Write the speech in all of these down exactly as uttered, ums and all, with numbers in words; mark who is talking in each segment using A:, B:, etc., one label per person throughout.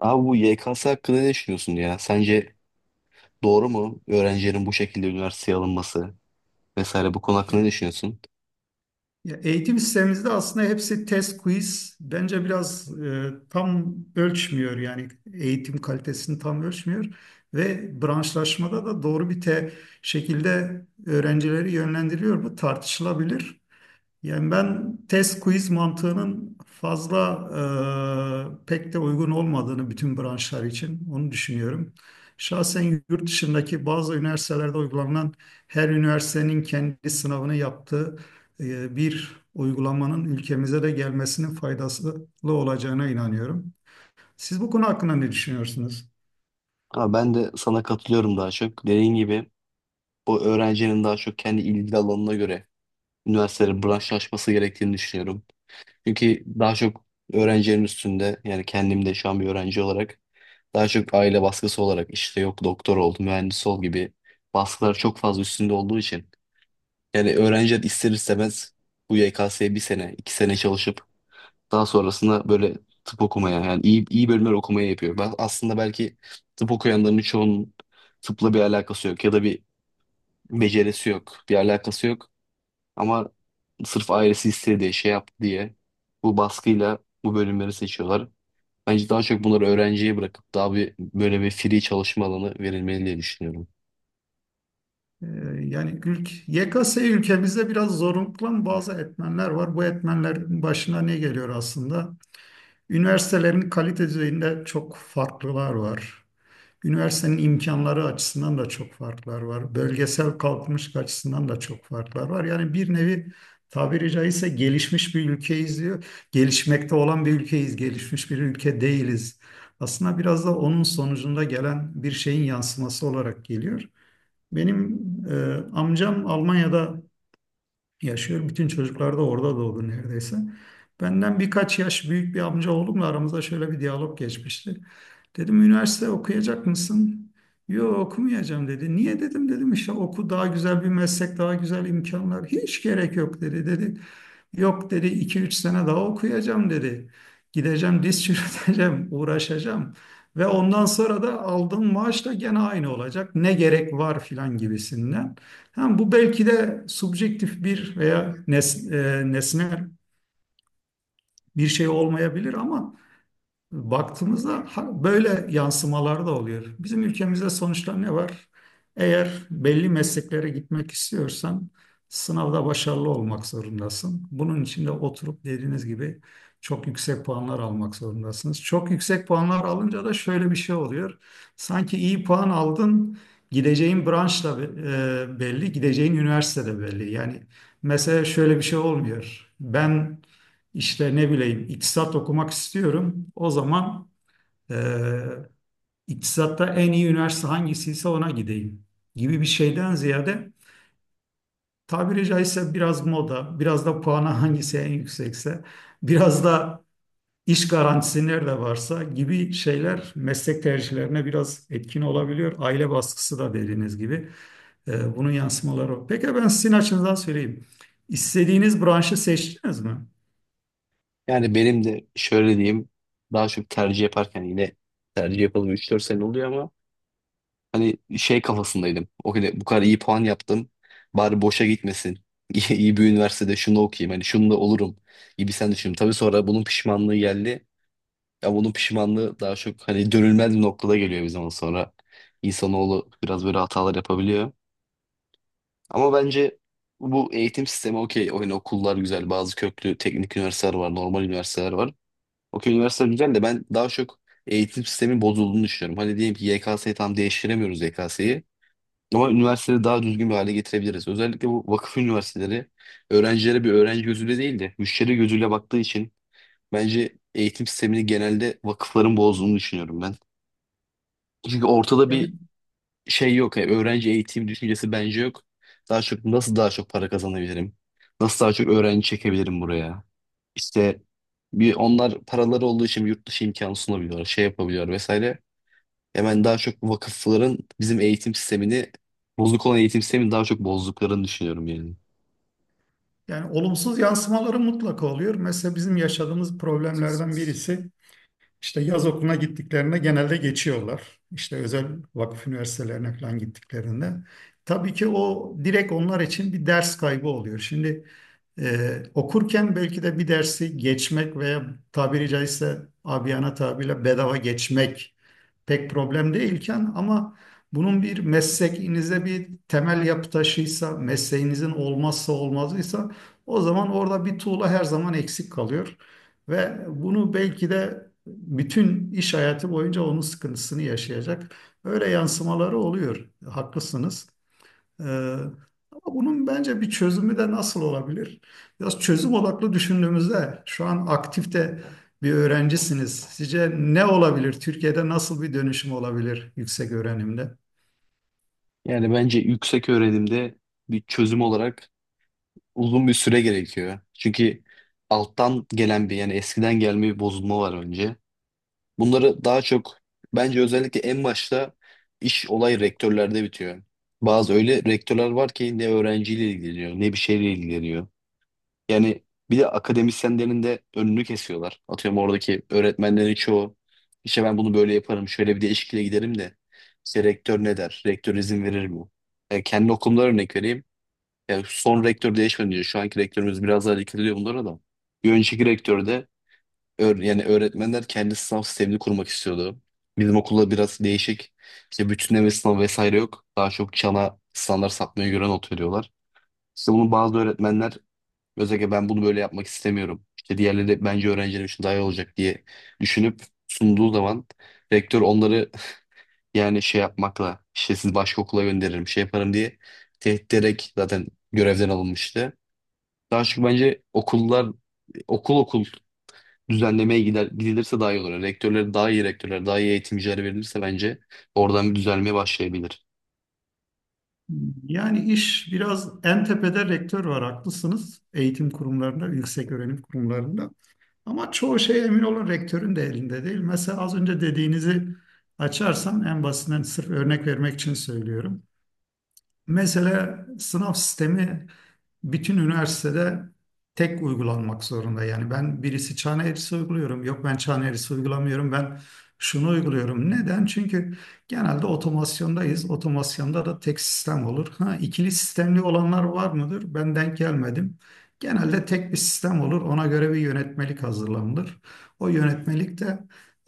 A: Abi bu Y K S hakkında ne düşünüyorsun ya? Sence doğru mu öğrencilerin bu şekilde üniversiteye alınması vesaire bu konu hakkında ne düşünüyorsun?
B: Ya eğitim sistemimizde aslında hepsi test quiz. Bence biraz e, tam ölçmüyor yani eğitim kalitesini tam ölçmüyor ve branşlaşmada da doğru bir te şekilde öğrencileri yönlendiriyor. Bu tartışılabilir. Yani ben test quiz mantığının fazla e, pek de uygun olmadığını bütün branşlar için onu düşünüyorum. Şahsen yurt dışındaki bazı üniversitelerde uygulanan her üniversitenin kendi sınavını yaptığı e, bir uygulamanın ülkemize de gelmesinin faydalı olacağına inanıyorum. Siz bu konu hakkında ne düşünüyorsunuz?
A: Ama ben de sana katılıyorum daha çok. Dediğin gibi bu öğrencinin daha çok kendi ilgi alanına göre üniversitelerin branşlaşması gerektiğini düşünüyorum. Çünkü daha çok öğrencilerin üstünde, yani kendim de şu an bir öğrenci olarak daha çok aile baskısı olarak işte yok doktor ol, mühendis ol gibi baskılar çok fazla üstünde olduğu için yani öğrenciler ister istemez bu Y K S'ye bir sene, iki sene çalışıp daha sonrasında böyle tıp okumaya, yani iyi, iyi bölümler okumaya yapıyor. Ben aslında belki tıp okuyanların çoğunun tıpla bir alakası yok ya da bir becerisi yok, bir alakası yok. Ama sırf ailesi istedi, şey yaptı diye bu baskıyla bu bölümleri seçiyorlar. Bence daha çok bunları öğrenciye bırakıp daha bir böyle bir free çalışma alanı verilmeli diye düşünüyorum.
B: E, yani ülk, Y K S ülkemizde biraz zorunlu bazı etmenler var. Bu etmenlerin başına ne geliyor aslında? Üniversitelerin kalite düzeyinde çok farklılar var. Üniversitenin imkanları açısından da çok farklar var. Bölgesel kalkınmışlık açısından da çok farklar var. Yani bir nevi tabiri caizse gelişmiş bir ülkeyiz diyor. Gelişmekte olan bir ülkeyiz, gelişmiş bir ülke değiliz. Aslında biraz da onun sonucunda gelen bir şeyin yansıması olarak geliyor. Benim e, amcam Almanya'da yaşıyor. Bütün çocuklar da orada doğdu neredeyse. Benden birkaç yaş büyük bir amca oğlumla aramızda şöyle bir diyalog geçmişti. Dedim üniversite okuyacak mısın? Yok okumayacağım dedi. Niye dedim dedim işte oku daha güzel bir meslek, daha güzel imkanlar. Hiç gerek yok dedi dedi. Yok dedi iki üç sene daha okuyacağım dedi. Gideceğim diz çürüteceğim, uğraşacağım. Ve ondan sonra da aldığım maaş da gene aynı olacak. Ne gerek var filan gibisinden. Ha, bu belki de subjektif bir veya nes e, nesnel bir şey olmayabilir ama baktığımızda ha- böyle yansımalar da oluyor. Bizim ülkemizde sonuçta ne var? Eğer belli mesleklere gitmek istiyorsan sınavda başarılı olmak zorundasın. Bunun için de oturup dediğiniz gibi çok yüksek puanlar almak zorundasınız. Çok yüksek puanlar alınca da şöyle bir şey oluyor. Sanki iyi puan aldın, gideceğin branş da e, belli, gideceğin üniversite de belli. Yani mesela şöyle bir şey olmuyor. Ben işte ne bileyim iktisat okumak istiyorum. O zaman e, iktisatta en iyi üniversite hangisiyse ona gideyim gibi bir şeyden ziyade tabiri caizse biraz moda, biraz da puanı hangisi en yüksekse, biraz da iş garantisi nerede varsa gibi şeyler meslek tercihlerine biraz etkin olabiliyor. Aile baskısı da dediğiniz gibi e, bunun yansımaları. O. Peki ben sizin açınızdan söyleyeyim. İstediğiniz branşı seçtiniz mi?
A: Yani benim de şöyle diyeyim, daha çok tercih yaparken yine tercih yapalım üç dört sene oluyor ama hani şey kafasındaydım. O kadar, bu kadar iyi puan yaptım. Bari boşa gitmesin. İyi, iyi bir üniversitede şunu okuyayım. Hani şunu da olurum gibi sen düşün. Tabii sonra bunun pişmanlığı geldi. Ya bunun pişmanlığı daha çok hani dönülmez bir noktada geliyor bir zaman sonra. İnsanoğlu biraz böyle hatalar yapabiliyor. Ama bence bu eğitim sistemi okey. Hani okullar güzel. Bazı köklü teknik üniversiteler var. Normal üniversiteler var. Okey, üniversiteler güzel de ben daha çok eğitim sistemin bozulduğunu düşünüyorum. Hani diyelim ki Y K S'yi tam değiştiremiyoruz Y K S'yi. Ama üniversiteleri daha düzgün bir hale getirebiliriz. Özellikle bu vakıf üniversiteleri öğrencilere bir öğrenci gözüyle değil de müşteri gözüyle baktığı için bence eğitim sistemini genelde vakıfların bozduğunu düşünüyorum ben. Çünkü ortada
B: Yani
A: bir şey yok. Yani öğrenci eğitim düşüncesi bence yok. Daha çok nasıl daha çok para kazanabilirim? Nasıl daha çok öğrenci çekebilirim buraya? İşte bir onlar paraları olduğu için yurt dışı imkanı sunabiliyorlar, şey yapabiliyor vesaire. Hemen daha çok bu vakıfların bizim eğitim sistemini, bozuk olan eğitim sistemini daha çok bozduklarını düşünüyorum yani.
B: yani olumsuz yansımaları mutlaka oluyor. Mesela bizim yaşadığımız problemlerden birisi işte yaz okuluna gittiklerinde genelde geçiyorlar. İşte özel vakıf üniversitelerine falan gittiklerinde. Tabii ki o direkt onlar için bir ders kaybı oluyor. Şimdi e, okurken belki de bir dersi geçmek veya tabiri caizse abiyana tabirle bedava geçmek pek problem değilken ama bunun bir mesleğinize bir temel yapı taşıysa, mesleğinizin olmazsa olmazıysa o zaman orada bir tuğla her zaman eksik kalıyor. Ve bunu belki de bütün iş hayatı boyunca onun sıkıntısını yaşayacak. Öyle yansımaları oluyor. Haklısınız. Ee, ama bunun bence bir çözümü de nasıl olabilir? Biraz çözüm odaklı düşündüğümüzde şu an aktifte bir öğrencisiniz. Sizce ne olabilir? Türkiye'de nasıl bir dönüşüm olabilir yüksek öğrenimde?
A: Yani bence yüksek öğrenimde bir çözüm olarak uzun bir süre gerekiyor. Çünkü alttan gelen bir, yani eskiden gelme bir bozulma var önce. Bunları daha çok bence özellikle en başta iş olay rektörlerde bitiyor. Bazı öyle rektörler var ki ne öğrenciyle ilgileniyor ne bir şeyle ilgileniyor. Yani bir de akademisyenlerin de önünü kesiyorlar. Atıyorum oradaki öğretmenlerin çoğu işte ben bunu böyle yaparım, şöyle bir değişikliğe giderim de işte rektör ne der? Rektör izin verir mi? Yani kendi okulumdan örnek vereyim. Yani son rektör değişmedi diyor. Şu anki rektörümüz biraz daha dikkat ediyor bunlara da. Bir önceki rektör de öğ- yani öğretmenler kendi sınav sistemini kurmak istiyordu. Bizim okulda biraz değişik. İşte bütünleme sınavı vesaire yok. Daha çok çana standart sapmaya göre not veriyorlar. İşte bunu bazı öğretmenler, özellikle ben bunu böyle yapmak istemiyorum, İşte diğerleri de bence öğrencilerim için daha iyi olacak diye düşünüp sunduğu zaman rektör onları yani şey yapmakla, işte sizi başka okula gönderirim, şey yaparım diye tehdit ederek zaten görevden alınmıştı. Daha çok bence okullar okul okul düzenlemeye gider, gidilirse daha iyi olur. Yani rektörlere daha iyi rektörler, daha iyi eğitimciler verilirse bence oradan bir düzelmeye başlayabilir.
B: Yani iş biraz en tepede rektör var haklısınız. Eğitim kurumlarında, yüksek öğrenim kurumlarında. Ama çoğu şey emin olun rektörün de elinde değil. Mesela az önce dediğinizi açarsam en basitinden sırf örnek vermek için söylüyorum. Mesela sınav sistemi bütün üniversitede tek uygulanmak zorunda. Yani ben birisi çan eğrisi uyguluyorum. Yok ben çan eğrisi uygulamıyorum. Ben şunu uyguluyorum. Neden? Çünkü genelde otomasyondayız. Otomasyonda da tek sistem olur. Ha, ikili sistemli olanlar var mıdır? Ben denk gelmedim. Genelde tek bir sistem olur. Ona göre bir yönetmelik hazırlanılır. O yönetmelik de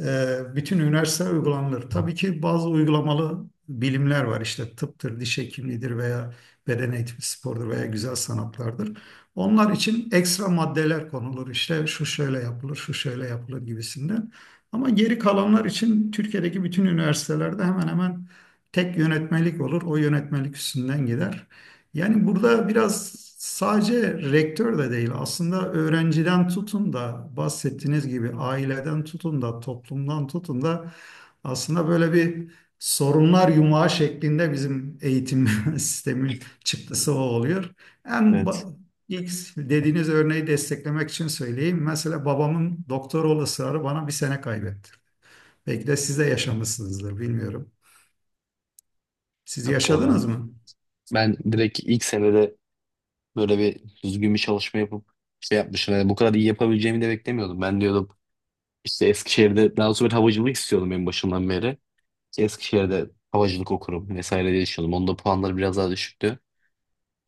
B: e, bütün üniversite uygulanır. Tabii ki bazı uygulamalı bilimler var işte tıptır, diş hekimliğidir veya beden eğitimi spordur veya güzel sanatlardır. Onlar için ekstra maddeler konulur işte şu şöyle yapılır, şu şöyle yapılır gibisinden. Ama geri kalanlar için Türkiye'deki bütün üniversitelerde hemen hemen tek yönetmelik olur. O yönetmelik üstünden gider. Yani burada biraz sadece rektör de değil aslında öğrenciden tutun da bahsettiğiniz gibi aileden tutun da toplumdan tutun da aslında böyle bir sorunlar yumağı şeklinde bizim eğitim sistemi çıktısı o oluyor. En
A: Evet.
B: ba- ilk dediğiniz örneği desteklemek için söyleyeyim. Mesela babamın doktor ol ısrarı bana bir sene kaybetti. Belki de siz de yaşamışsınızdır bilmiyorum. Siz
A: Okey. ben
B: yaşadınız mı?
A: Ben direkt ilk senede böyle bir düzgün bir çalışma yapıp şey yapmışım. Yani bu kadar iyi yapabileceğimi de beklemiyordum. Ben diyordum işte Eskişehir'de daha sonra havacılık istiyordum en başından beri. İşte Eskişehir'de havacılık okurum vesaire diye düşünüyordum. Onda puanları biraz daha düşüktü.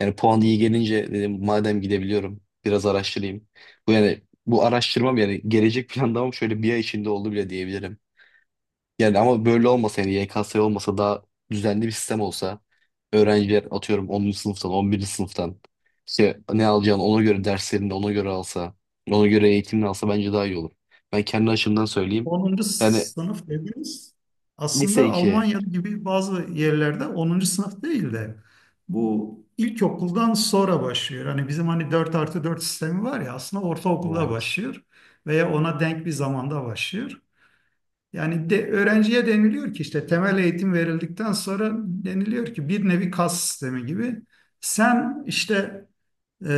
A: Yani puan iyi gelince dedim madem gidebiliyorum biraz araştırayım. Bu yani bu araştırmam, yani gelecek planlamam şöyle bir ay içinde oldu bile diyebilirim. Yani ama böyle olmasa, yani Y K S olmasa daha düzenli bir sistem olsa öğrenciler atıyorum onuncu sınıftan on birinci sınıftan işte ne alacağını ona göre derslerini de ona göre alsa, ona göre eğitimini alsa bence daha iyi olur. Ben kendi açımdan söyleyeyim.
B: Onuncu
A: Yani
B: sınıf dediniz.
A: lise
B: Aslında
A: iki,
B: Almanya gibi bazı yerlerde onuncu sınıf değil de bu ilkokuldan sonra başlıyor. Hani bizim hani dört artı dört sistemi var ya aslında ortaokulda
A: evet.
B: başlıyor veya ona denk bir zamanda başlıyor. Yani de, öğrenciye deniliyor ki işte temel eğitim verildikten sonra deniliyor ki bir nevi kas sistemi gibi. Sen işte e,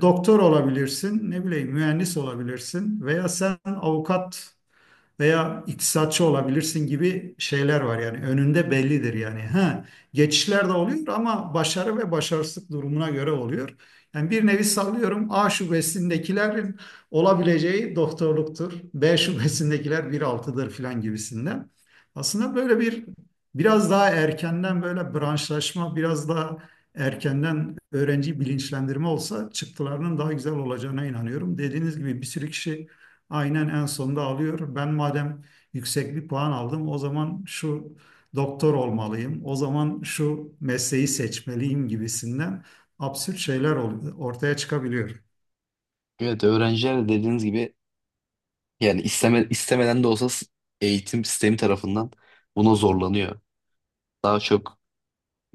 B: doktor olabilirsin, ne bileyim mühendis olabilirsin veya sen avukat veya iktisatçı olabilirsin gibi şeyler var yani önünde bellidir yani. Ha, geçişler de oluyor ama başarı ve başarısızlık durumuna göre oluyor. Yani bir nevi sallıyorum A şubesindekilerin olabileceği doktorluktur. B şubesindekiler bir altıdır filan gibisinden. Aslında böyle bir biraz daha erkenden böyle branşlaşma, biraz daha erkenden öğrenci bilinçlendirme olsa çıktılarının daha güzel olacağına inanıyorum. Dediğiniz gibi bir sürü kişi aynen en sonunda alıyor. Ben madem yüksek bir puan aldım, o zaman şu doktor olmalıyım, o zaman şu mesleği seçmeliyim gibisinden absürt şeyler ol- ortaya çıkabiliyor.
A: Evet, öğrenciler de dediğiniz gibi yani isteme, istemeden de olsa s- eğitim sistemi tarafından buna zorlanıyor. Daha çok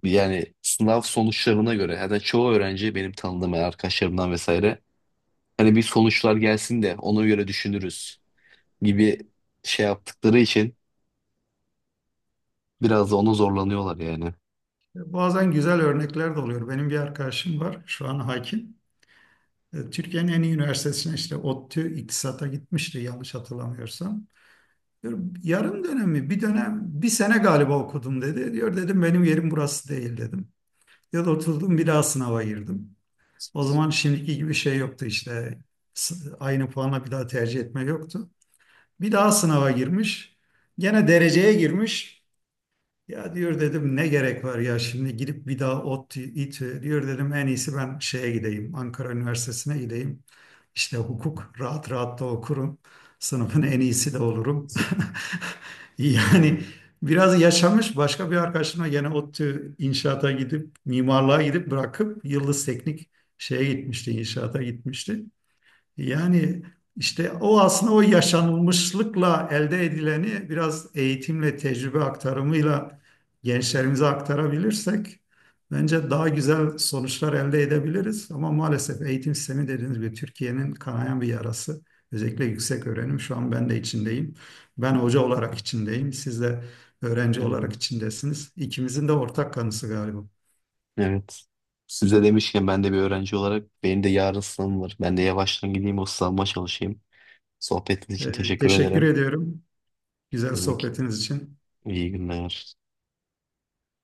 A: yani sınav sonuçlarına göre, yani çoğu öğrenci, benim tanıdığım yani arkadaşlarımdan vesaire, hani bir sonuçlar gelsin de ona göre düşünürüz gibi şey yaptıkları için biraz da ona zorlanıyorlar yani.
B: Bazen güzel örnekler de oluyor. Benim bir arkadaşım var, şu an hakim. E, Türkiye'nin en iyi üniversitesine işte ODTÜ İktisat'a gitmişti yanlış hatırlamıyorsam. Diyor, yarım dönem mi? Bir dönem, bir sene galiba okudum dedi. Diyor dedim benim yerim burası değil dedim. Ya da oturdum bir daha sınava girdim. O zaman şimdiki gibi şey yoktu işte. S- Aynı puana bir daha tercih etme yoktu. Bir daha sınava girmiş. Gene dereceye girmiş. Ya diyor dedim ne gerek var ya şimdi gidip bir daha ODTÜ, İTÜ diyor dedim en iyisi ben şeye gideyim Ankara Üniversitesi'ne gideyim. İşte hukuk rahat rahat da okurum. Sınıfın en iyisi de olurum. Yani biraz yaşamış başka bir arkadaşımla gene ODTÜ inşaata gidip mimarlığa gidip bırakıp Yıldız Teknik şeye gitmişti inşaata gitmişti. Yani işte o aslında o yaşanılmışlıkla elde edileni biraz eğitimle, tecrübe aktarımıyla gençlerimize aktarabilirsek bence daha güzel sonuçlar elde edebiliriz. Ama maalesef eğitim sistemi dediğiniz gibi Türkiye'nin kanayan bir yarası. Özellikle yüksek öğrenim şu an ben de içindeyim. Ben hoca olarak içindeyim. Siz de öğrenci
A: Hmm.
B: olarak içindesiniz. İkimizin de ortak kanısı galiba.
A: Evet. Size demişken ben de bir öğrenci olarak benim de yarın sınavım var. Ben de yavaştan gideyim o sınavıma çalışayım. Sohbetiniz için
B: Ee,
A: teşekkür
B: teşekkür
A: ederim.
B: ediyorum güzel
A: Demek
B: sohbetiniz için.
A: iyi günler.